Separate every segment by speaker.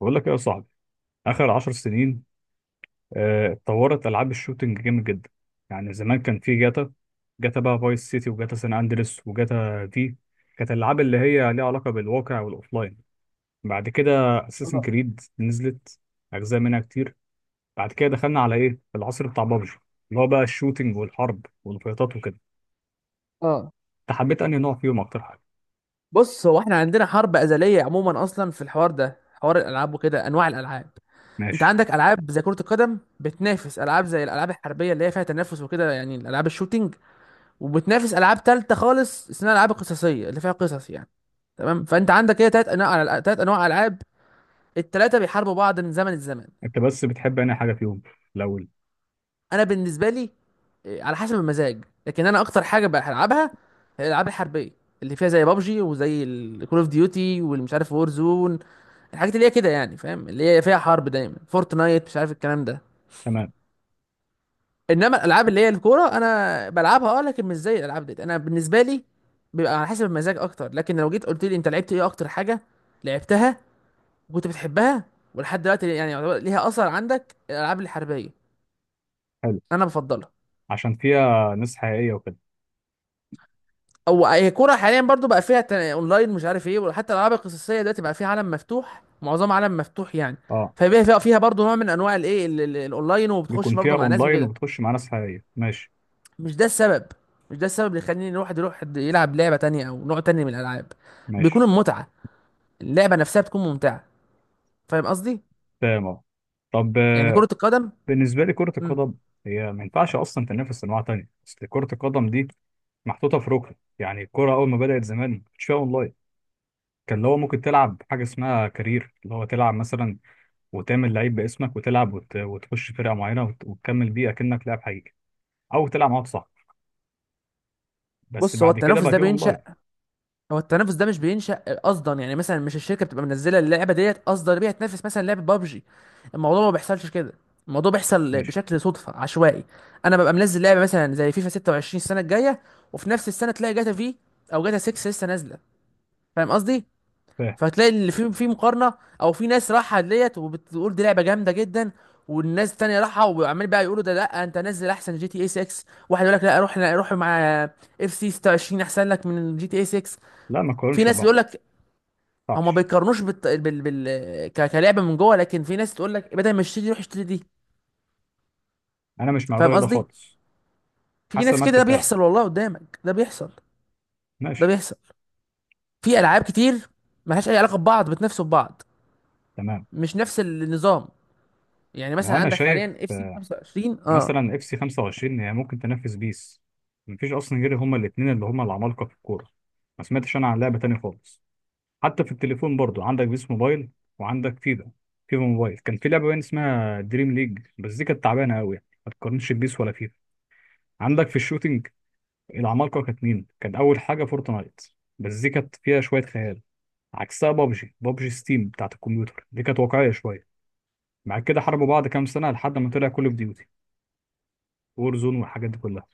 Speaker 1: بقول لك ايه يا صاحبي؟ اخر 10 سنين اتطورت العاب الشوتينج جامد جدا. يعني زمان كان في جاتا، جاتا بقى فايس سيتي وجاتا سان اندريس وجاتا في. كانت الالعاب اللي هي ليها علاقه بالواقع والاوفلاين. بعد كده اساسن
Speaker 2: اه
Speaker 1: كريد نزلت اجزاء منها كتير. بعد كده دخلنا على ايه العصر بتاع بابجي، اللي هو بقى الشوتينج والحرب والفيطات وكده.
Speaker 2: اه
Speaker 1: انت حبيت انهي نوع فيهم اكتر حاجه؟
Speaker 2: بص، هو احنا عندنا حرب ازليه عموما، اصلا في الحوار ده، حوار الالعاب وكده، انواع الالعاب. انت
Speaker 1: ماشي.
Speaker 2: عندك العاب زي كره القدم بتنافس العاب زي الالعاب الحربيه اللي هي فيها تنافس وكده، يعني الالعاب الشوتينج، وبتنافس العاب تالته خالص اسمها الالعاب القصصيه اللي فيها قصص يعني. تمام، فانت عندك كده تلات انواع العاب. التلاته بيحاربوا بعض من زمن الزمن.
Speaker 1: انت بس بتحب انهي حاجه فيهم الاول؟
Speaker 2: انا بالنسبه لي، على حسب المزاج، لكن انا اكتر حاجه بلعبها هي الالعاب الحربيه اللي فيها زي بابجي وزي الكول اوف ديوتي والمش عارف وور زون، الحاجات اللي هي كده يعني، فاهم، اللي هي فيها حرب دايما، فورتنايت، مش عارف الكلام ده.
Speaker 1: تمام.
Speaker 2: انما الالعاب اللي هي الكوره انا بلعبها لكن مش زي الالعاب دي. انا بالنسبه لي بيبقى على حسب المزاج اكتر، لكن لو جيت قلت لي انت لعبت ايه اكتر حاجه لعبتها وكنت بتحبها ولحد دلوقتي يعني يعتبر ليها اثر عندك، الالعاب الحربيه
Speaker 1: حلو،
Speaker 2: انا بفضلها.
Speaker 1: عشان فيها ناس حقيقيه وكده.
Speaker 2: او هي كوره حاليا برضو بقى فيها اونلاين مش عارف ايه، وحتى الالعاب القصصيه دلوقتي بقى فيها عالم مفتوح، معظم عالم مفتوح يعني.
Speaker 1: اه.
Speaker 2: فبقى فيها برضو نوع من انواع الايه، الاونلاين، وبتخش
Speaker 1: بيكون فيها
Speaker 2: برضو مع ناس
Speaker 1: اونلاين
Speaker 2: وكده.
Speaker 1: وبتخش مع ناس حقيقيه، ماشي.
Speaker 2: مش ده السبب مش ده السبب اللي يخليني الواحد يروح يلعب لعبه تانية او نوع تاني من الالعاب. بيكون
Speaker 1: ماشي،
Speaker 2: المتعه، اللعبه نفسها بتكون ممتعه. فاهم قصدي؟
Speaker 1: تمام أهو. طب،
Speaker 2: يعني كره القدم.
Speaker 1: بالنسبه لي كره
Speaker 2: مم.
Speaker 1: القدم هي ما ينفعش اصلا تنافس انواع تانية. اصل كره القدم دي محطوطه في ركن، يعني الكره اول ما بدات زمان ما كانش فيها اونلاين. كان اللي هو ممكن تلعب حاجه اسمها كارير، اللي هو تلعب مثلا، وتعمل لعيب باسمك وتلعب وتخش فرقه معينه وتكمل بيه اكنك لاعب حقيقي، او تلعب مع واحد صاحبك. بس
Speaker 2: بص،
Speaker 1: بعد كده بقى في اونلاين.
Speaker 2: هو التنافس ده مش بينشأ قصدا. يعني مثلا مش الشركه بتبقى منزله اللعبه ديت قصدا بيها تنافس مثلا لعبه بابجي. الموضوع ما بيحصلش كده، الموضوع بيحصل
Speaker 1: ماشي.
Speaker 2: بشكل صدفه عشوائي. انا ببقى منزل لعبه مثلا زي فيفا 26 السنه الجايه، وفي نفس السنه تلاقي جاتا في، او جاتا 6 لسه نازله. فاهم قصدي؟
Speaker 1: فاهم.
Speaker 2: فهتلاقي اللي في مقارنه، او في ناس راحه ديت وبتقول دي لعبه جامده جدا، والناس التانية راحة وعمال بقى يقولوا، ده لا انت نزل احسن جي تي اي 6. واحد يقول لك لا، روح روح مع اف سي 26 احسن لك من جي تي اي 6.
Speaker 1: لا، ما
Speaker 2: في
Speaker 1: تقارنش
Speaker 2: ناس
Speaker 1: ببعض.
Speaker 2: بيقول لك،
Speaker 1: ما
Speaker 2: هما
Speaker 1: ينفعش.
Speaker 2: بيقارنوش بالت... بال... بال... ك... كلعبه من جوه، لكن في ناس تقول لك بدل ما اشتري دي روح اشتري دي.
Speaker 1: انا مش مع
Speaker 2: فاهم
Speaker 1: الرأي ده
Speaker 2: قصدي؟
Speaker 1: خالص.
Speaker 2: في
Speaker 1: حسب
Speaker 2: ناس
Speaker 1: ما
Speaker 2: كده،
Speaker 1: انت
Speaker 2: ده
Speaker 1: بتلعب.
Speaker 2: بيحصل والله، قدامك ده بيحصل. ده
Speaker 1: ماشي.
Speaker 2: بيحصل، في العاب كتير ملهاش اي علاقه ببعض بتنافسوا ببعض.
Speaker 1: تمام.
Speaker 2: مش نفس النظام. يعني
Speaker 1: ما
Speaker 2: مثلا
Speaker 1: هو انا
Speaker 2: عندك
Speaker 1: شايف
Speaker 2: حاليا اف سي 25. اه
Speaker 1: مثلا اف سي 25 هي ممكن تنافس بيس. مفيش اصلا غير هما الاثنين اللي هما العمالقه في الكوره. ما سمعتش انا عن لعبه تانية خالص. حتى في التليفون برضو عندك بيس موبايل وعندك فيفا. فيفا موبايل كان في لعبه باين اسمها دريم ليج، بس دي كانت تعبانه قوي، ما تقارنش بيس ولا فيفا. عندك في الشوتينج العمالقه كانت مين؟ كان اول حاجه فورتنايت، بس دي كانت فيها شويه خيال. عكسها بابجي، بابجي ستيم بتاعت الكمبيوتر دي كانت واقعيه شويه. بعد كده حاربوا بعض كام سنه لحد ما طلع كل اوف ديوتي وور زون والحاجات دي كلها.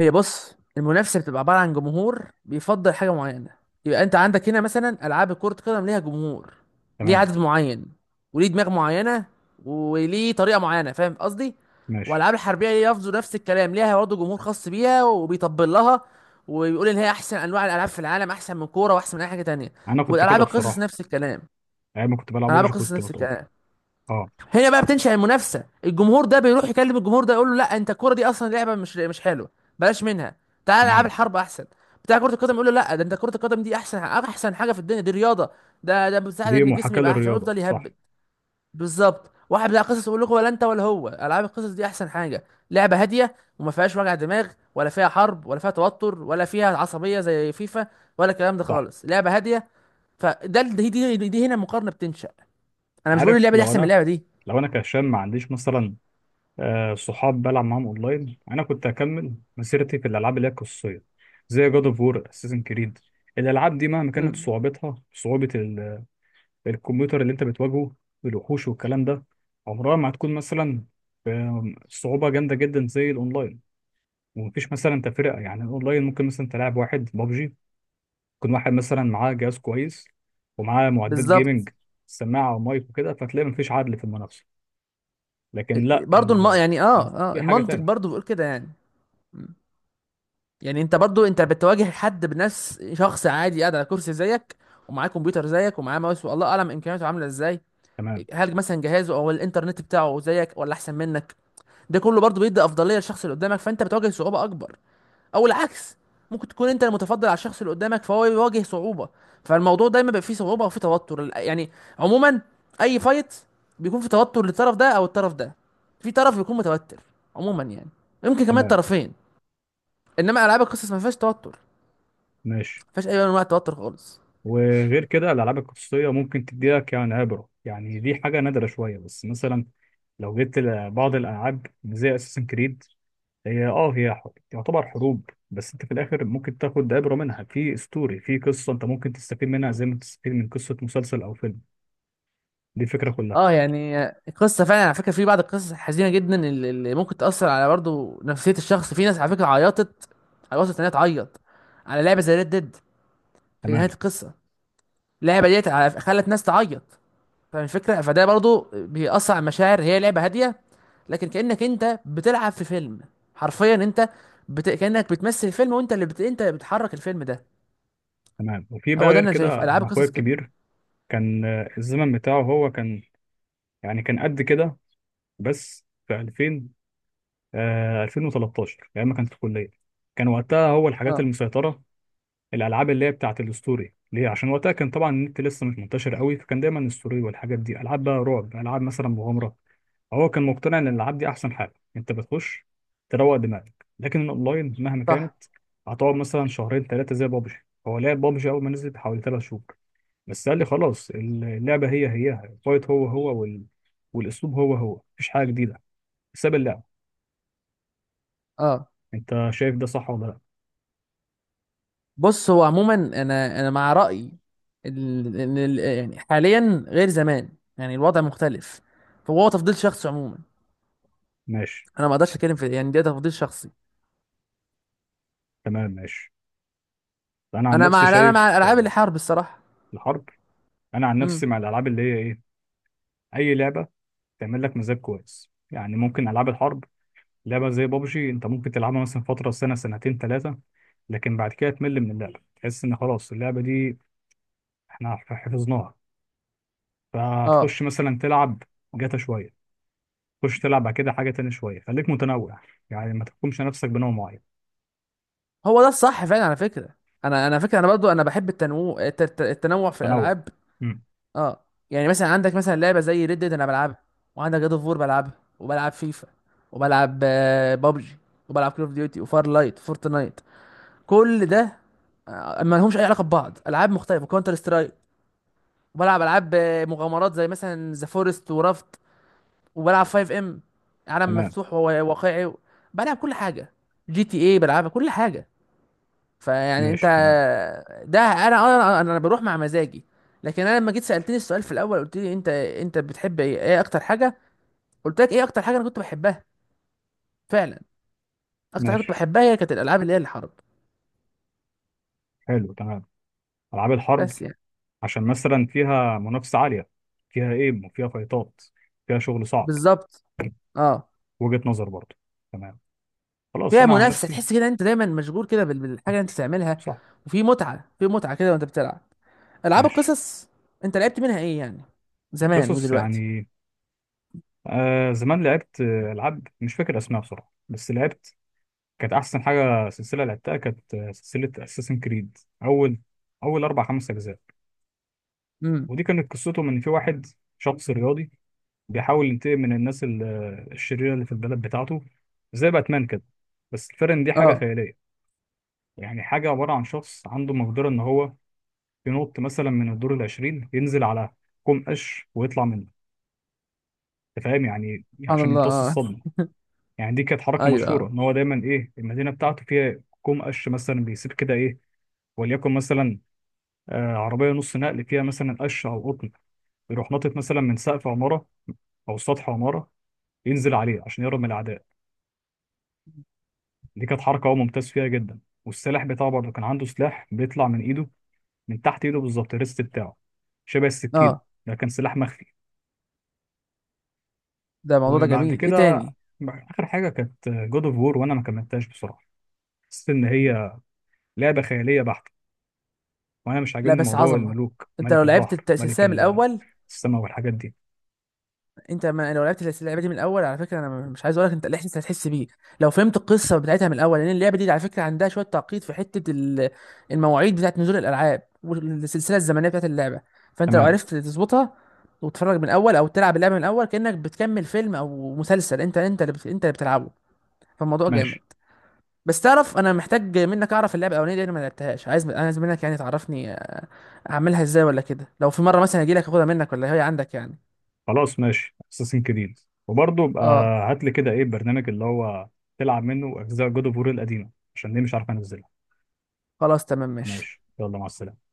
Speaker 2: هي بص، المنافسه بتبقى عباره عن جمهور بيفضل حاجه معينه. يبقى انت عندك هنا مثلا العاب كره قدم ليها جمهور، ليه
Speaker 1: تمام.
Speaker 2: عدد معين وليه دماغ معينه وليه طريقه معينه، فاهم قصدي؟
Speaker 1: ماشي.
Speaker 2: والالعاب الحربيه ليه برضه نفس الكلام، ليها برضه جمهور خاص بيها وبيطبل لها وبيقول ان هي احسن انواع الالعاب في العالم، احسن من كوره واحسن من اي حاجه تانية.
Speaker 1: انا كنت كده
Speaker 2: والالعاب القصص
Speaker 1: بصراحه
Speaker 2: نفس الكلام.
Speaker 1: ايام ما كنت بلعب
Speaker 2: العاب
Speaker 1: ببجي
Speaker 2: القصص
Speaker 1: كنت
Speaker 2: نفس
Speaker 1: بتقول.
Speaker 2: الكلام
Speaker 1: اه.
Speaker 2: هنا بقى بتنشأ المنافسة. الجمهور ده بيروح يكلم الجمهور ده يقول له، لا انت الكرة دي اصلا لعبة مش حلوة، بلاش منها، تعال العاب
Speaker 1: تمام.
Speaker 2: الحرب احسن. بتاع كرة القدم يقول له، لا ده انت كرة القدم دي احسن، احسن حاجة في الدنيا، دي رياضة، ده بتساعد
Speaker 1: دي
Speaker 2: ان الجسم
Speaker 1: محاكاه
Speaker 2: يبقى احسن
Speaker 1: للرياضه،
Speaker 2: ويفضل يهبل.
Speaker 1: صح؟
Speaker 2: بالظبط. واحد بتاع قصص يقول لكم، ولا انت ولا هو، العاب القصص دي احسن حاجة، لعبة هادية وما فيهاش وجع دماغ، ولا فيها حرب ولا فيها توتر ولا فيها عصبية زي فيفا ولا الكلام ده
Speaker 1: صح.
Speaker 2: خالص، لعبة هادية. فده دي هنا المقارنة بتنشأ، انا مش بقول
Speaker 1: عارف،
Speaker 2: اللعبة دي
Speaker 1: لو
Speaker 2: احسن من
Speaker 1: انا،
Speaker 2: اللعبة دي.
Speaker 1: لو انا كهشام ما عنديش مثلا صحاب بلعب معاهم اونلاين، انا كنت هكمل مسيرتي في الالعاب اللي هي قصيه، زي جاد اوف وور، اساسن كريد. الالعاب دي مهما كانت
Speaker 2: مم.
Speaker 1: صعوبتها، صعوبه الكمبيوتر اللي انت بتواجهه، الوحوش والكلام ده، عمرها ما هتكون مثلا صعوبه جامده جدا زي الاونلاين. ومفيش مثلا تفرقه، يعني الاونلاين ممكن مثلا تلعب واحد ببجي يكون واحد مثلا معاه جهاز كويس ومعاه معدات
Speaker 2: بالظبط.
Speaker 1: جيمنج، سماعه ومايك وكده، فتلاقي مفيش عدل في المنافسه. لكن لا،
Speaker 2: يعني
Speaker 1: الاستوديو حاجه
Speaker 2: المنطق
Speaker 1: تانية.
Speaker 2: برضو بيقول كده يعني. مم. يعني انت برضو انت بتواجه حد بنفس، شخص عادي قاعد على كرسي زيك، ومعاه كمبيوتر زيك، ومعاه ماوس، والله اعلم امكانياته عامله ازاي.
Speaker 1: تمام.
Speaker 2: هل مثلا جهازه او الانترنت بتاعه زيك ولا احسن منك؟ ده كله برضو بيدي افضليه للشخص اللي قدامك، فانت بتواجه صعوبه اكبر، او العكس، ممكن تكون انت المتفضل على الشخص اللي قدامك فهو يواجه صعوبة. فالموضوع دايما بيبقى فيه صعوبة او فيه توتر، يعني، عموما، اي فايت بيكون في توتر للطرف ده او الطرف ده. في طرف بيكون متوتر عموما يعني، يمكن كمان
Speaker 1: تمام.
Speaker 2: طرفين. انما العاب القصص ما فيهاش توتر، ما
Speaker 1: ماشي.
Speaker 2: فيهاش اي نوع من انواع توتر خالص.
Speaker 1: وغير كده الالعاب القصصيه ممكن تديلك يعني عبره، يعني دي حاجه نادره شويه، بس مثلا لو جيت لبعض الالعاب زي اساسن كريد، هي تعتبر حروب، بس انت في الاخر ممكن تاخد عبره منها، في ستوري، في قصه انت ممكن تستفيد منها زي ما تستفيد من قصه مسلسل او فيلم. دي الفكره كلها.
Speaker 2: اه يعني القصه فعلا على فكره، في بعض القصص الحزينه جدا اللي ممكن تاثر على برضه نفسيه الشخص. في ناس على فكره عيطت، على، وصلت انها تعيط على لعبه زي ريد ديد في
Speaker 1: تمام.
Speaker 2: نهايه القصه. اللعبه ديت خلت ناس تعيط. فالفكرة فده برضو بيأثر على المشاعر، هي لعبة هادية لكن كأنك انت بتلعب في فيلم، حرفيا انت كأنك بتمثل فيلم، وانت اللي بت... انت اللي بتحرك الفيلم ده.
Speaker 1: تمام. وفي بقى
Speaker 2: هو ده
Speaker 1: غير
Speaker 2: انا شايف
Speaker 1: كده
Speaker 2: العاب
Speaker 1: انا اخويا
Speaker 2: القصص كده.
Speaker 1: الكبير كان الزمن بتاعه هو كان، يعني كان قد كده. بس في 2000، 2013، ايام ما كان في الكليه. كان وقتها هو الحاجات
Speaker 2: اه
Speaker 1: المسيطره الالعاب اللي هي بتاعت الستوري ليه، عشان وقتها كان طبعا النت لسه مش منتشر قوي، فكان دايما الستوري والحاجات دي، العاب بقى رعب، العاب مثلا مغامره. هو كان مقتنع ان الالعاب دي احسن حاجه انت بتخش تروق دماغك، لكن الاونلاين مهما كانت
Speaker 2: صح.
Speaker 1: هتقعد مثلا شهرين ثلاثه زي بابجي. هو لعب بابجي اول ما نزلت حوالي 3 شهور بس، قال لي خلاص اللعبة هي هي، الفايت هو هو والأسلوب هو هو، مفيش حاجة جديدة، ساب اللعبة.
Speaker 2: اه
Speaker 1: أنت شايف ده صح ولا لأ؟
Speaker 2: بص هو عموما، انا مع رأيي يعني حاليا غير زمان، يعني الوضع مختلف، فهو تفضيل شخصي عموما.
Speaker 1: ماشي.
Speaker 2: انا ما اقدرش اتكلم في يعني، ده تفضيل شخصي.
Speaker 1: تمام. ماشي. أنا عن نفسي
Speaker 2: انا
Speaker 1: شايف
Speaker 2: مع الالعاب اللي حرب الصراحة.
Speaker 1: الحرب. أنا عن نفسي
Speaker 2: امم.
Speaker 1: مع الألعاب اللي هي إيه، أي لعبة تعمل لك مزاج كويس، يعني ممكن ألعاب الحرب، لعبة زي بابجي أنت ممكن تلعبها مثلا فترة سنة سنتين ثلاثة، لكن بعد كده تمل من اللعبة، تحس إن خلاص اللعبة دي إحنا حفظناها.
Speaker 2: اه
Speaker 1: فهتخش مثلا تلعب جاتا شوية، خش تلعب بعد كده حاجه تانية شويه، خليك متنوع، يعني ما تحكمش نفسك بنوع معين.
Speaker 2: هو ده الصح فعلا على فكره. انا برضو بحب التنوع، التنوع في
Speaker 1: تنوع.
Speaker 2: الالعاب.
Speaker 1: امم.
Speaker 2: اه يعني مثلا عندك مثلا لعبه زي ريد ديد انا بلعبها، وعندك جاد اوف وور بلعبها، وبلعب فيفا، وبلعب بابجي، وبلعب كول اوف ديوتي وفار لايت فورتنايت، كل ده ما لهمش اي علاقه ببعض. العاب مختلفه كونتر سترايك، وبلعب العاب مغامرات زي مثلا ذا فورست ورافت، وبلعب 5 ام، عالم
Speaker 1: تمام.
Speaker 2: مفتوح وواقعي، بلعب كل حاجه، جي تي اي بلعبها، كل حاجه. فيعني انت،
Speaker 1: ماشي. تمام.
Speaker 2: ده انا بروح مع مزاجي. لكن انا لما جيت سالتني السؤال في الاول قلت لي انت، بتحب ايه اكتر حاجه، قلت لك ايه اكتر حاجه انا كنت بحبها فعلا، اكتر حاجه كنت
Speaker 1: ماشي.
Speaker 2: بحبها هي كانت الالعاب اللي هي الحرب،
Speaker 1: حلو. تمام. العاب الحرب،
Speaker 2: بس يعني.
Speaker 1: عشان مثلا فيها منافسه عاليه، فيها ايم وفيها فايتات، فيها شغل صعب.
Speaker 2: بالظبط. اه.
Speaker 1: وجهه نظر برضه. تمام. خلاص
Speaker 2: فيها
Speaker 1: انا عن
Speaker 2: منافسه،
Speaker 1: نفسي.
Speaker 2: تحس كده انت دايما مشغول كده بالحاجه اللي انت بتعملها،
Speaker 1: صح.
Speaker 2: وفي متعه، في متعه كده وانت بتلعب. العاب
Speaker 1: ماشي.
Speaker 2: القصص، انت لعبت منها ايه يعني، زمان
Speaker 1: القصص
Speaker 2: ودلوقتي؟
Speaker 1: يعني؟ زمان لعبت العاب مش فاكر اسمها بصراحه، بس لعبت. كانت احسن حاجه سلسله لعبتها، كانت سلسله اساسن كريد، اول اربع خمس اجزاء.
Speaker 2: امم.
Speaker 1: ودي كانت قصتهم ان في واحد، شخص رياضي، بيحاول ينتقم من الناس الشريره اللي في البلد بتاعته، زي باتمان كده، بس الفرق ان دي حاجه
Speaker 2: اه
Speaker 1: خياليه. يعني حاجه عباره عن شخص عنده مقدره ان هو ينط مثلا من الدور العشرين ينزل على كوم قش ويطلع منه. انت فاهم، يعني
Speaker 2: سبحان
Speaker 1: عشان
Speaker 2: الله.
Speaker 1: يمتص
Speaker 2: اه.
Speaker 1: الصدمه. يعني دي كانت حركه
Speaker 2: ايوه
Speaker 1: مشهوره
Speaker 2: اه.
Speaker 1: ان هو دايما ايه، المدينه بتاعته فيها كوم قش مثلا بيسيب كده ايه، وليكن مثلا عربيه نص نقل فيها مثلا قش او قطن، يروح ناطط مثلا من سقف عماره او سطح عماره ينزل عليه عشان يهرب من الاعداء. دي كانت حركه هو ممتاز فيها جدا. والسلاح بتاعه برضه، كان عنده سلاح بيطلع من ايده، من تحت ايده بالظبط، الريست بتاعه، شبه السكينه،
Speaker 2: اه
Speaker 1: ده كان سلاح مخفي.
Speaker 2: ده الموضوع ده
Speaker 1: وبعد
Speaker 2: جميل. ايه
Speaker 1: كده
Speaker 2: تاني؟
Speaker 1: اخر حاجه كانت جود اوف وور، وانا ما كملتهاش بصراحه، حسيت ان هي لعبه خياليه بحته. وانا مش
Speaker 2: لا
Speaker 1: عاجبني
Speaker 2: بس
Speaker 1: موضوع
Speaker 2: عظمه،
Speaker 1: الملوك،
Speaker 2: انت لو
Speaker 1: ملك البحر،
Speaker 2: لعبت
Speaker 1: ملك
Speaker 2: السلسله من الاول.
Speaker 1: السماء، والحاجات دي.
Speaker 2: انت، ما لو لعبت اللعبه دي من الاول على فكره، انا مش عايز اقول لك انت الاحساس اللي هتحس بيه لو فهمت القصه بتاعتها من الاول، لان اللعبه دي على فكره عندها شويه تعقيد في حته المواعيد بتاعت نزول الالعاب والسلسله الزمنيه بتاعت اللعبه. فانت لو
Speaker 1: تمام.
Speaker 2: عرفت تظبطها، وتتفرج من الاول او تلعب اللعبه من الاول، كانك بتكمل فيلم او مسلسل، انت اللي بتلعبه. فالموضوع جامد.
Speaker 1: ماشي.
Speaker 2: بس تعرف، انا محتاج منك اعرف اللعبه الاولانيه دي انا ما لعبتهاش، عايز، منك يعني تعرفني اعملها ازاي، ولا كده لو في مره مثلا اجي لك اخدها منك، ولا هي عندك يعني.
Speaker 1: خلاص، ماشي. اساسن كريد. وبرضه بقى
Speaker 2: اه
Speaker 1: هات لي كده ايه البرنامج اللي هو تلعب منه اجزاء جود اوف وور القديمه، عشان دي مش عارف انزلها.
Speaker 2: خلاص تمام ماشي.
Speaker 1: ماشي، يلا مع السلامة.